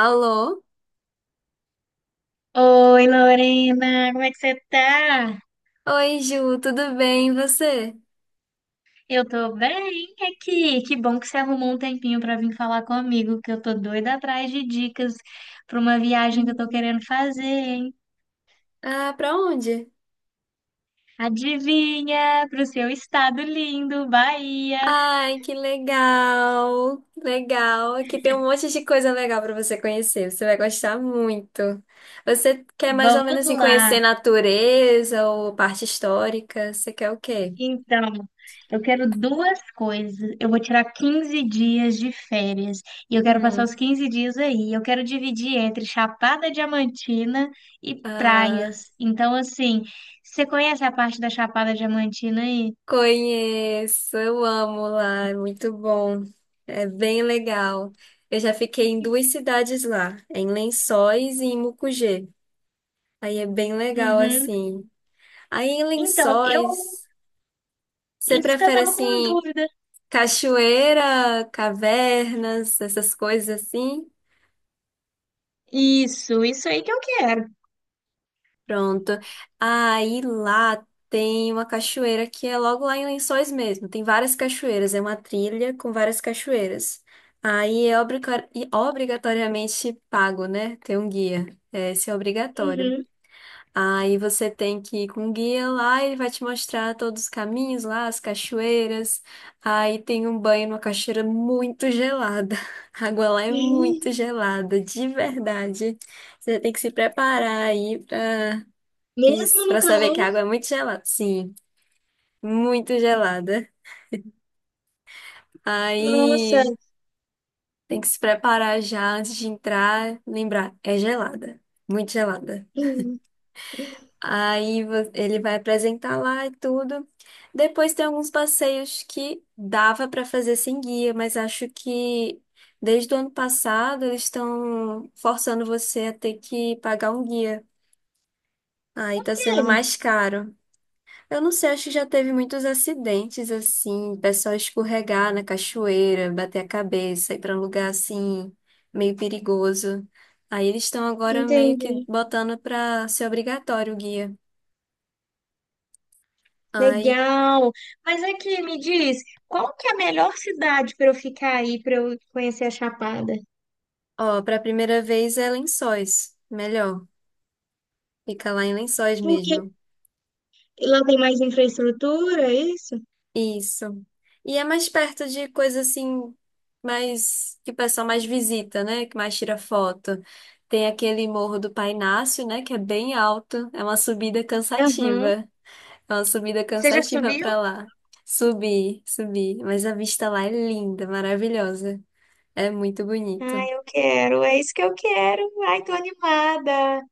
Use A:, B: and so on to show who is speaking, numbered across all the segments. A: Alô?
B: Oi, Lorena, como é que você tá?
A: Oi, Ju, tudo bem? E você?
B: Eu tô bem aqui. Que bom que você arrumou um tempinho pra vir falar comigo, que eu tô doida atrás de dicas pra uma viagem que eu tô
A: Hum.
B: querendo fazer, hein?
A: Ah, pra onde?
B: Adivinha, pro seu estado lindo, Bahia.
A: Ai, que legal! Legal! Aqui tem um monte de coisa legal pra você conhecer. Você vai gostar muito. Você quer mais ou
B: Vamos
A: menos assim, conhecer
B: lá.
A: natureza ou parte histórica? Você quer o quê?
B: Então, eu quero duas coisas. Eu vou tirar 15 dias de férias e eu quero passar
A: Hum,
B: os 15 dias aí. Eu quero dividir entre Chapada Diamantina e
A: ah,
B: praias. Então, assim, você conhece a parte da Chapada Diamantina aí?
A: conheço, eu amo lá, é muito bom. É bem legal. Eu já fiquei em duas cidades lá, em Lençóis e em Mucugê. Aí é bem legal,
B: Uhum.
A: assim. Aí em
B: Então, eu.
A: Lençóis, você
B: Isso que eu
A: prefere,
B: tava com
A: assim,
B: dúvida.
A: cachoeira, cavernas, essas coisas assim?
B: Isso aí que eu quero.
A: Pronto. Aí lá tem uma cachoeira que é logo lá em Lençóis mesmo. Tem várias cachoeiras, é uma trilha com várias cachoeiras. Aí é obrigatoriamente pago, né? Tem um guia. É, esse é obrigatório.
B: Uhum.
A: Aí você tem que ir com um guia lá, ele vai te mostrar todos os caminhos lá, as cachoeiras. Aí tem um banho numa cachoeira muito gelada. A água lá é muito gelada, de verdade. Você tem que se preparar aí pra, que-
B: Mesmo no
A: pra saber que
B: calor?
A: a água é muito gelada. Sim, muito gelada.
B: Nossa.
A: Aí tem que se preparar já antes de entrar, lembrar, é gelada, muito gelada.
B: Hum.
A: Aí ele vai apresentar lá e tudo. Depois tem alguns passeios que dava para fazer sem guia, mas acho que desde o ano passado eles estão forçando você a ter que pagar um guia. Aí tá sendo
B: É,
A: mais caro. Eu não sei, acho que já teve muitos acidentes assim, pessoal escorregar na cachoeira, bater a cabeça, ir para um lugar assim meio perigoso. Aí eles estão agora meio que
B: entendi.
A: botando para ser obrigatório o guia. Aí
B: Legal. Mas aqui me diz, qual que é a melhor cidade para eu ficar aí, para eu conhecer a Chapada?
A: ó, para a primeira vez é Lençóis, melhor. Fica lá em Lençóis
B: Porque
A: mesmo.
B: lá tem mais infraestrutura, é isso?
A: Isso. E é mais perto de coisa assim, mais que o pessoal mais visita, né? Que mais tira foto. Tem aquele Morro do Pai Inácio, né? Que é bem alto. É uma subida
B: Aham.
A: cansativa. É uma subida
B: Você já
A: cansativa
B: subiu?
A: para lá. Subir, subir. Mas a vista lá é linda, maravilhosa. É muito bonito.
B: Ai, eu quero, é isso que eu quero. Ai, tô animada.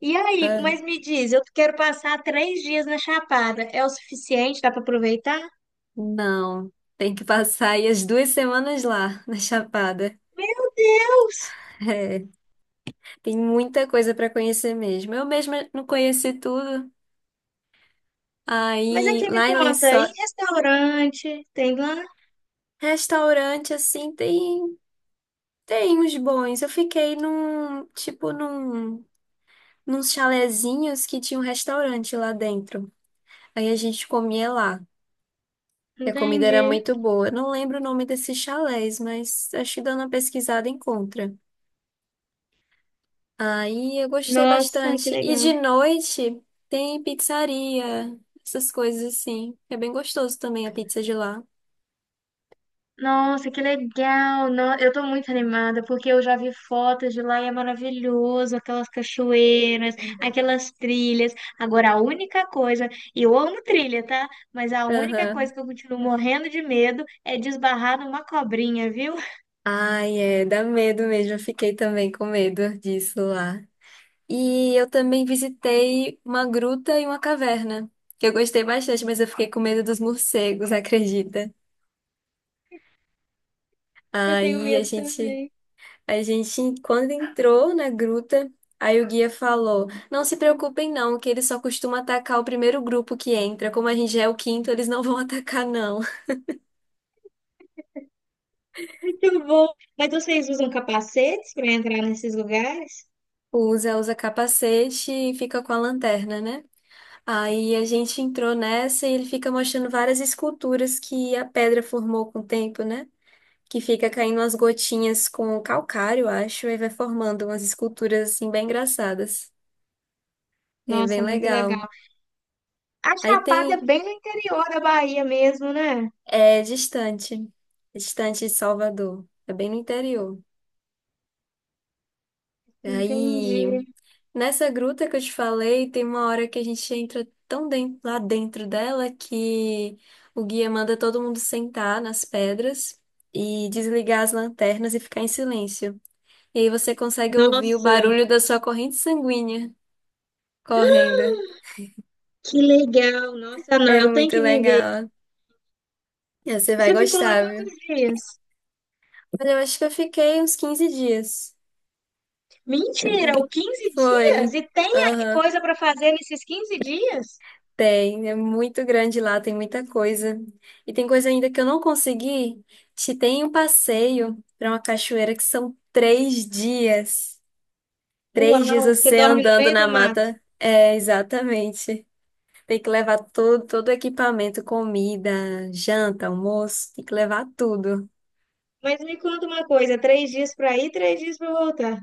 B: E aí,
A: Ah,
B: mas me diz, eu quero passar 3 dias na Chapada. É o suficiente? Dá para aproveitar?
A: não. Tem que passar aí as 2 semanas lá, na Chapada.
B: Meu Deus!
A: É, tem muita coisa para conhecer mesmo. Eu mesma não conheci tudo.
B: Mas
A: Aí,
B: aqui me
A: lá em
B: conta, e
A: Lençóis,
B: restaurante? Tem lá?
A: restaurante assim, tem uns bons. Eu fiquei num, tipo num nos chalezinhos que tinha um restaurante lá dentro. Aí a gente comia lá. E a comida era
B: Entendi.
A: muito boa. Eu não lembro o nome desses chalés, mas acho que dando uma pesquisada encontra. Aí eu gostei
B: Nossa, que
A: bastante. E
B: legal.
A: de noite tem pizzaria, essas coisas assim. É bem gostoso também a pizza de lá.
B: Nossa, que legal! No- Eu tô muito animada porque eu já vi fotos de lá e é maravilhoso, aquelas cachoeiras, aquelas trilhas. Agora, a única coisa, e eu amo trilha, tá? Mas a única coisa
A: Aham.
B: que eu continuo morrendo de medo é desbarrar numa cobrinha, viu?
A: Ai, é, dá medo mesmo. Eu fiquei também com medo disso lá. E eu também visitei uma gruta e uma caverna, que eu gostei bastante, mas eu fiquei com medo dos morcegos, acredita?
B: Eu tenho
A: Aí a
B: medo
A: gente
B: também.
A: A gente, quando entrou na gruta, aí o guia falou: Não se preocupem, não, que eles só costumam atacar o primeiro grupo que entra. Como a gente já é o quinto, eles não vão atacar, não.
B: Muito bom! Mas vocês usam capacetes para entrar nesses lugares?
A: O Zé usa capacete e fica com a lanterna, né? Aí a gente entrou nessa e ele fica mostrando várias esculturas que a pedra formou com o tempo, né? Que fica caindo umas gotinhas com calcário, acho, e vai formando umas esculturas assim bem engraçadas. É bem
B: Nossa, muito
A: legal.
B: legal. A
A: Aí
B: Chapada é
A: tem
B: bem no interior da Bahia mesmo, né?
A: É distante, é distante de Salvador, é bem no interior.
B: Entendi.
A: Aí, nessa gruta que eu te falei, tem uma hora que a gente entra tão dentro, lá dentro dela que o guia manda todo mundo sentar nas pedras e desligar as lanternas e ficar em silêncio. E aí você consegue ouvir o
B: Nossa.
A: barulho da sua corrente sanguínea correndo.
B: Que legal, nossa, não,
A: É
B: eu tenho
A: muito
B: que viver.
A: legal. Você
B: E
A: vai
B: você ficou lá
A: gostar,
B: quantos
A: viu?
B: dias?
A: Olha, eu acho que eu fiquei uns 15 dias.
B: Mentira, o
A: É.
B: 15 dias?
A: Foi.
B: E tem
A: Aham.
B: coisa para fazer nesses 15 dias?
A: Tem, é muito grande lá, tem muita coisa. E tem coisa ainda que eu não consegui. Te tem um passeio para uma cachoeira que são 3 dias. 3 dias
B: Uau, você
A: você
B: dorme no
A: andando
B: meio
A: na
B: do mato.
A: mata. É, exatamente. Tem que levar todo o equipamento, comida, janta, almoço, tem que levar tudo.
B: Mas me conta uma coisa, 3 dias para ir, 3 dias para voltar.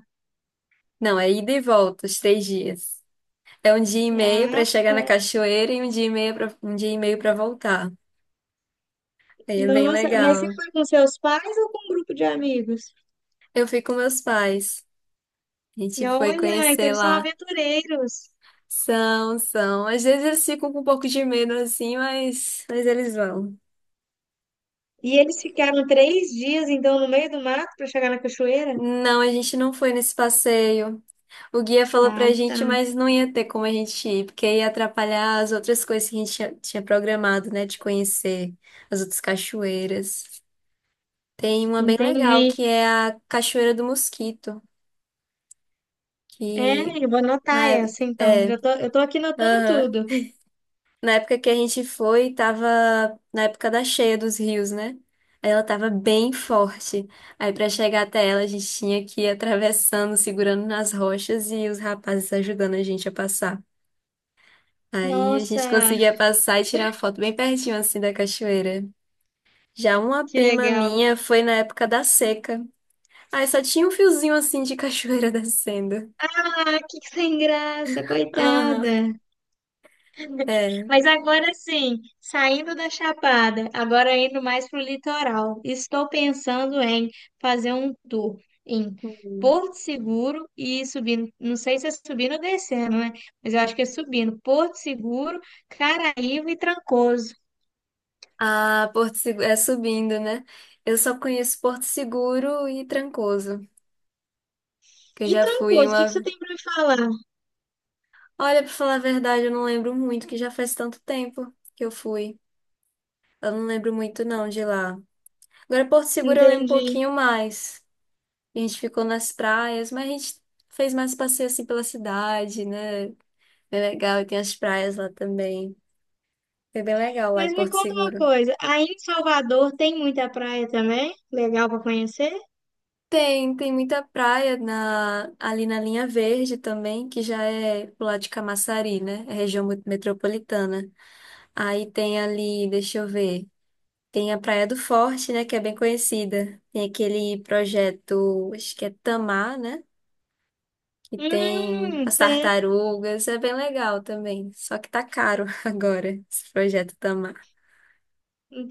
A: Não, é ida e volta, os 3 dias. É um dia e meio para
B: Ah,
A: chegar na cachoeira e um dia e meio para um dia e meio para voltar. Aí é bem
B: nossa, mas você
A: legal.
B: foi com seus pais ou com um grupo de amigos?
A: Eu fui com meus pais. A
B: E
A: gente foi
B: olha, então
A: conhecer
B: eles são
A: lá.
B: aventureiros.
A: São, são. Às vezes eles ficam com um pouco de medo assim, mas eles vão.
B: E eles ficaram 3 dias, então, no meio do mato para chegar na cachoeira?
A: Não, a gente não foi nesse passeio. O guia falou
B: Ah,
A: pra
B: tá.
A: gente, mas não ia ter como a gente ir, porque ia atrapalhar as outras coisas que a gente tinha programado, né, de conhecer as outras cachoeiras. Tem uma bem legal
B: Entendi.
A: que é a Cachoeira do Mosquito,
B: É,
A: que
B: eu vou anotar
A: na é,
B: essa então.
A: é,
B: Já tô, eu tô aqui anotando
A: aham.
B: tudo.
A: Na época que a gente foi, tava na época da cheia dos rios, né? Aí ela tava bem forte. Aí pra chegar até ela, a gente tinha que ir atravessando, segurando nas rochas e os rapazes ajudando a gente a passar. Aí a
B: Nossa,
A: gente conseguia passar e tirar foto bem pertinho assim da cachoeira. Já uma
B: que
A: prima
B: legal.
A: minha foi na época da seca. Aí só tinha um fiozinho assim de cachoeira descendo.
B: Ah, que sem graça,
A: Aham,
B: coitada.
A: é.
B: Mas agora sim, saindo da Chapada, agora indo mais pro litoral. Estou pensando em fazer um tour em Porto Seguro e ir subindo, não sei se é subindo ou descendo, né? Mas eu acho que é subindo. Porto Seguro, Caraíva e Trancoso.
A: Ah, Porto Seguro é subindo, né? Eu só conheço Porto Seguro e Trancoso, que eu
B: E
A: já fui
B: Trancoso, o que que
A: uma.
B: você tem para me falar?
A: Olha, pra falar a verdade, eu não lembro muito, que já faz tanto tempo que eu fui. Eu não lembro muito não de lá. Agora Porto Seguro eu lembro um
B: Entendi.
A: pouquinho mais. A gente ficou nas praias, mas a gente fez mais passeio assim pela cidade, né? Bem legal, e tem as praias lá também. Foi bem legal lá em
B: Mas me
A: Porto
B: conta uma
A: Seguro.
B: coisa, aí em Salvador tem muita praia também? Legal pra conhecer?
A: Tem muita praia ali na Linha Verde também, que já é pro lado de Camaçari, né? É região metropolitana. Aí tem ali, deixa eu ver, tem a Praia do Forte, né? Que é bem conhecida. Tem aquele projeto, acho que é Tamar, né? Que tem as
B: Sei.
A: tartarugas, é bem legal também. Só que tá caro agora, esse projeto Tamar.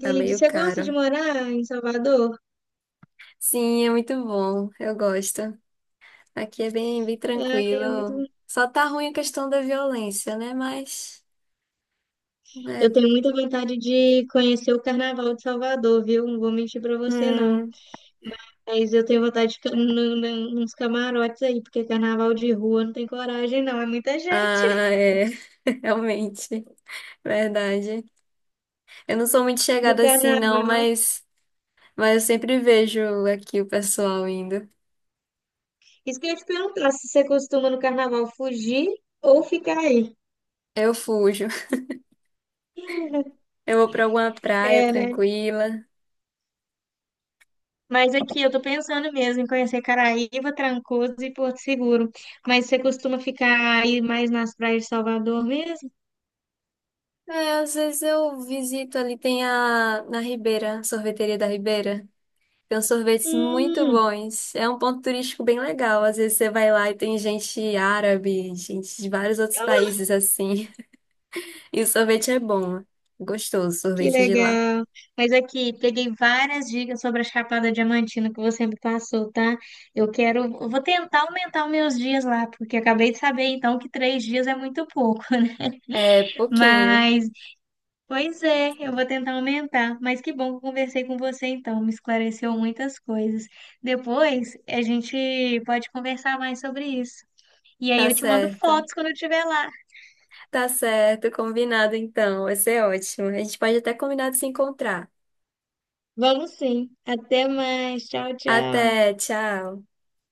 A: Tá meio
B: Você gosta de
A: caro.
B: morar em Salvador?
A: Sim, é muito bom, eu gosto. Aqui é bem, bem
B: É, é muito...
A: tranquilo. Só tá ruim a questão da violência, né? Mas,
B: Eu
A: né?
B: tenho muita vontade de conhecer o Carnaval de Salvador, viu? Não vou mentir pra você, não.
A: Hum,
B: Mas eu tenho vontade de ficar nos camarotes aí, porque carnaval de rua não tem coragem, não. É muita gente
A: ah, é. Realmente, verdade. Eu não sou muito
B: no
A: chegada assim, não,
B: carnaval.
A: mas eu sempre vejo aqui o pessoal indo.
B: Isso que eu ia te perguntar, se você costuma no carnaval fugir ou ficar aí?
A: Eu fujo. Eu vou pra alguma praia
B: É, né?
A: tranquila.
B: Mas aqui eu tô pensando mesmo em conhecer Caraíva, Trancoso e Porto Seguro. Mas você costuma ficar aí mais nas praias de Salvador mesmo?
A: É, às vezes eu visito ali, tem a na Ribeira, sorveteria da Ribeira. Tem uns sorvetes muito
B: Hum,
A: bons. É um ponto turístico bem legal. Às vezes você vai lá e tem gente árabe, gente de vários outros países assim. E o sorvete é bom. Gostoso, o
B: que
A: sorvete de lá.
B: legal. Mas aqui peguei várias dicas sobre a Chapada Diamantina que você me passou, tá? Eu quero, eu vou tentar aumentar os meus dias lá, porque acabei de saber então que 3 dias é muito pouco.
A: É pouquinho.
B: Mas Pois é, eu vou tentar aumentar, mas que bom que eu conversei com você então, me esclareceu muitas coisas. Depois a gente pode conversar mais sobre isso. E aí
A: Tá
B: eu te mando
A: certo.
B: fotos quando eu estiver lá.
A: Tá certo, combinado então. Vai ser ótimo. A gente pode até combinar de se encontrar.
B: Vamos sim. Até mais. Tchau, tchau.
A: Até, tchau.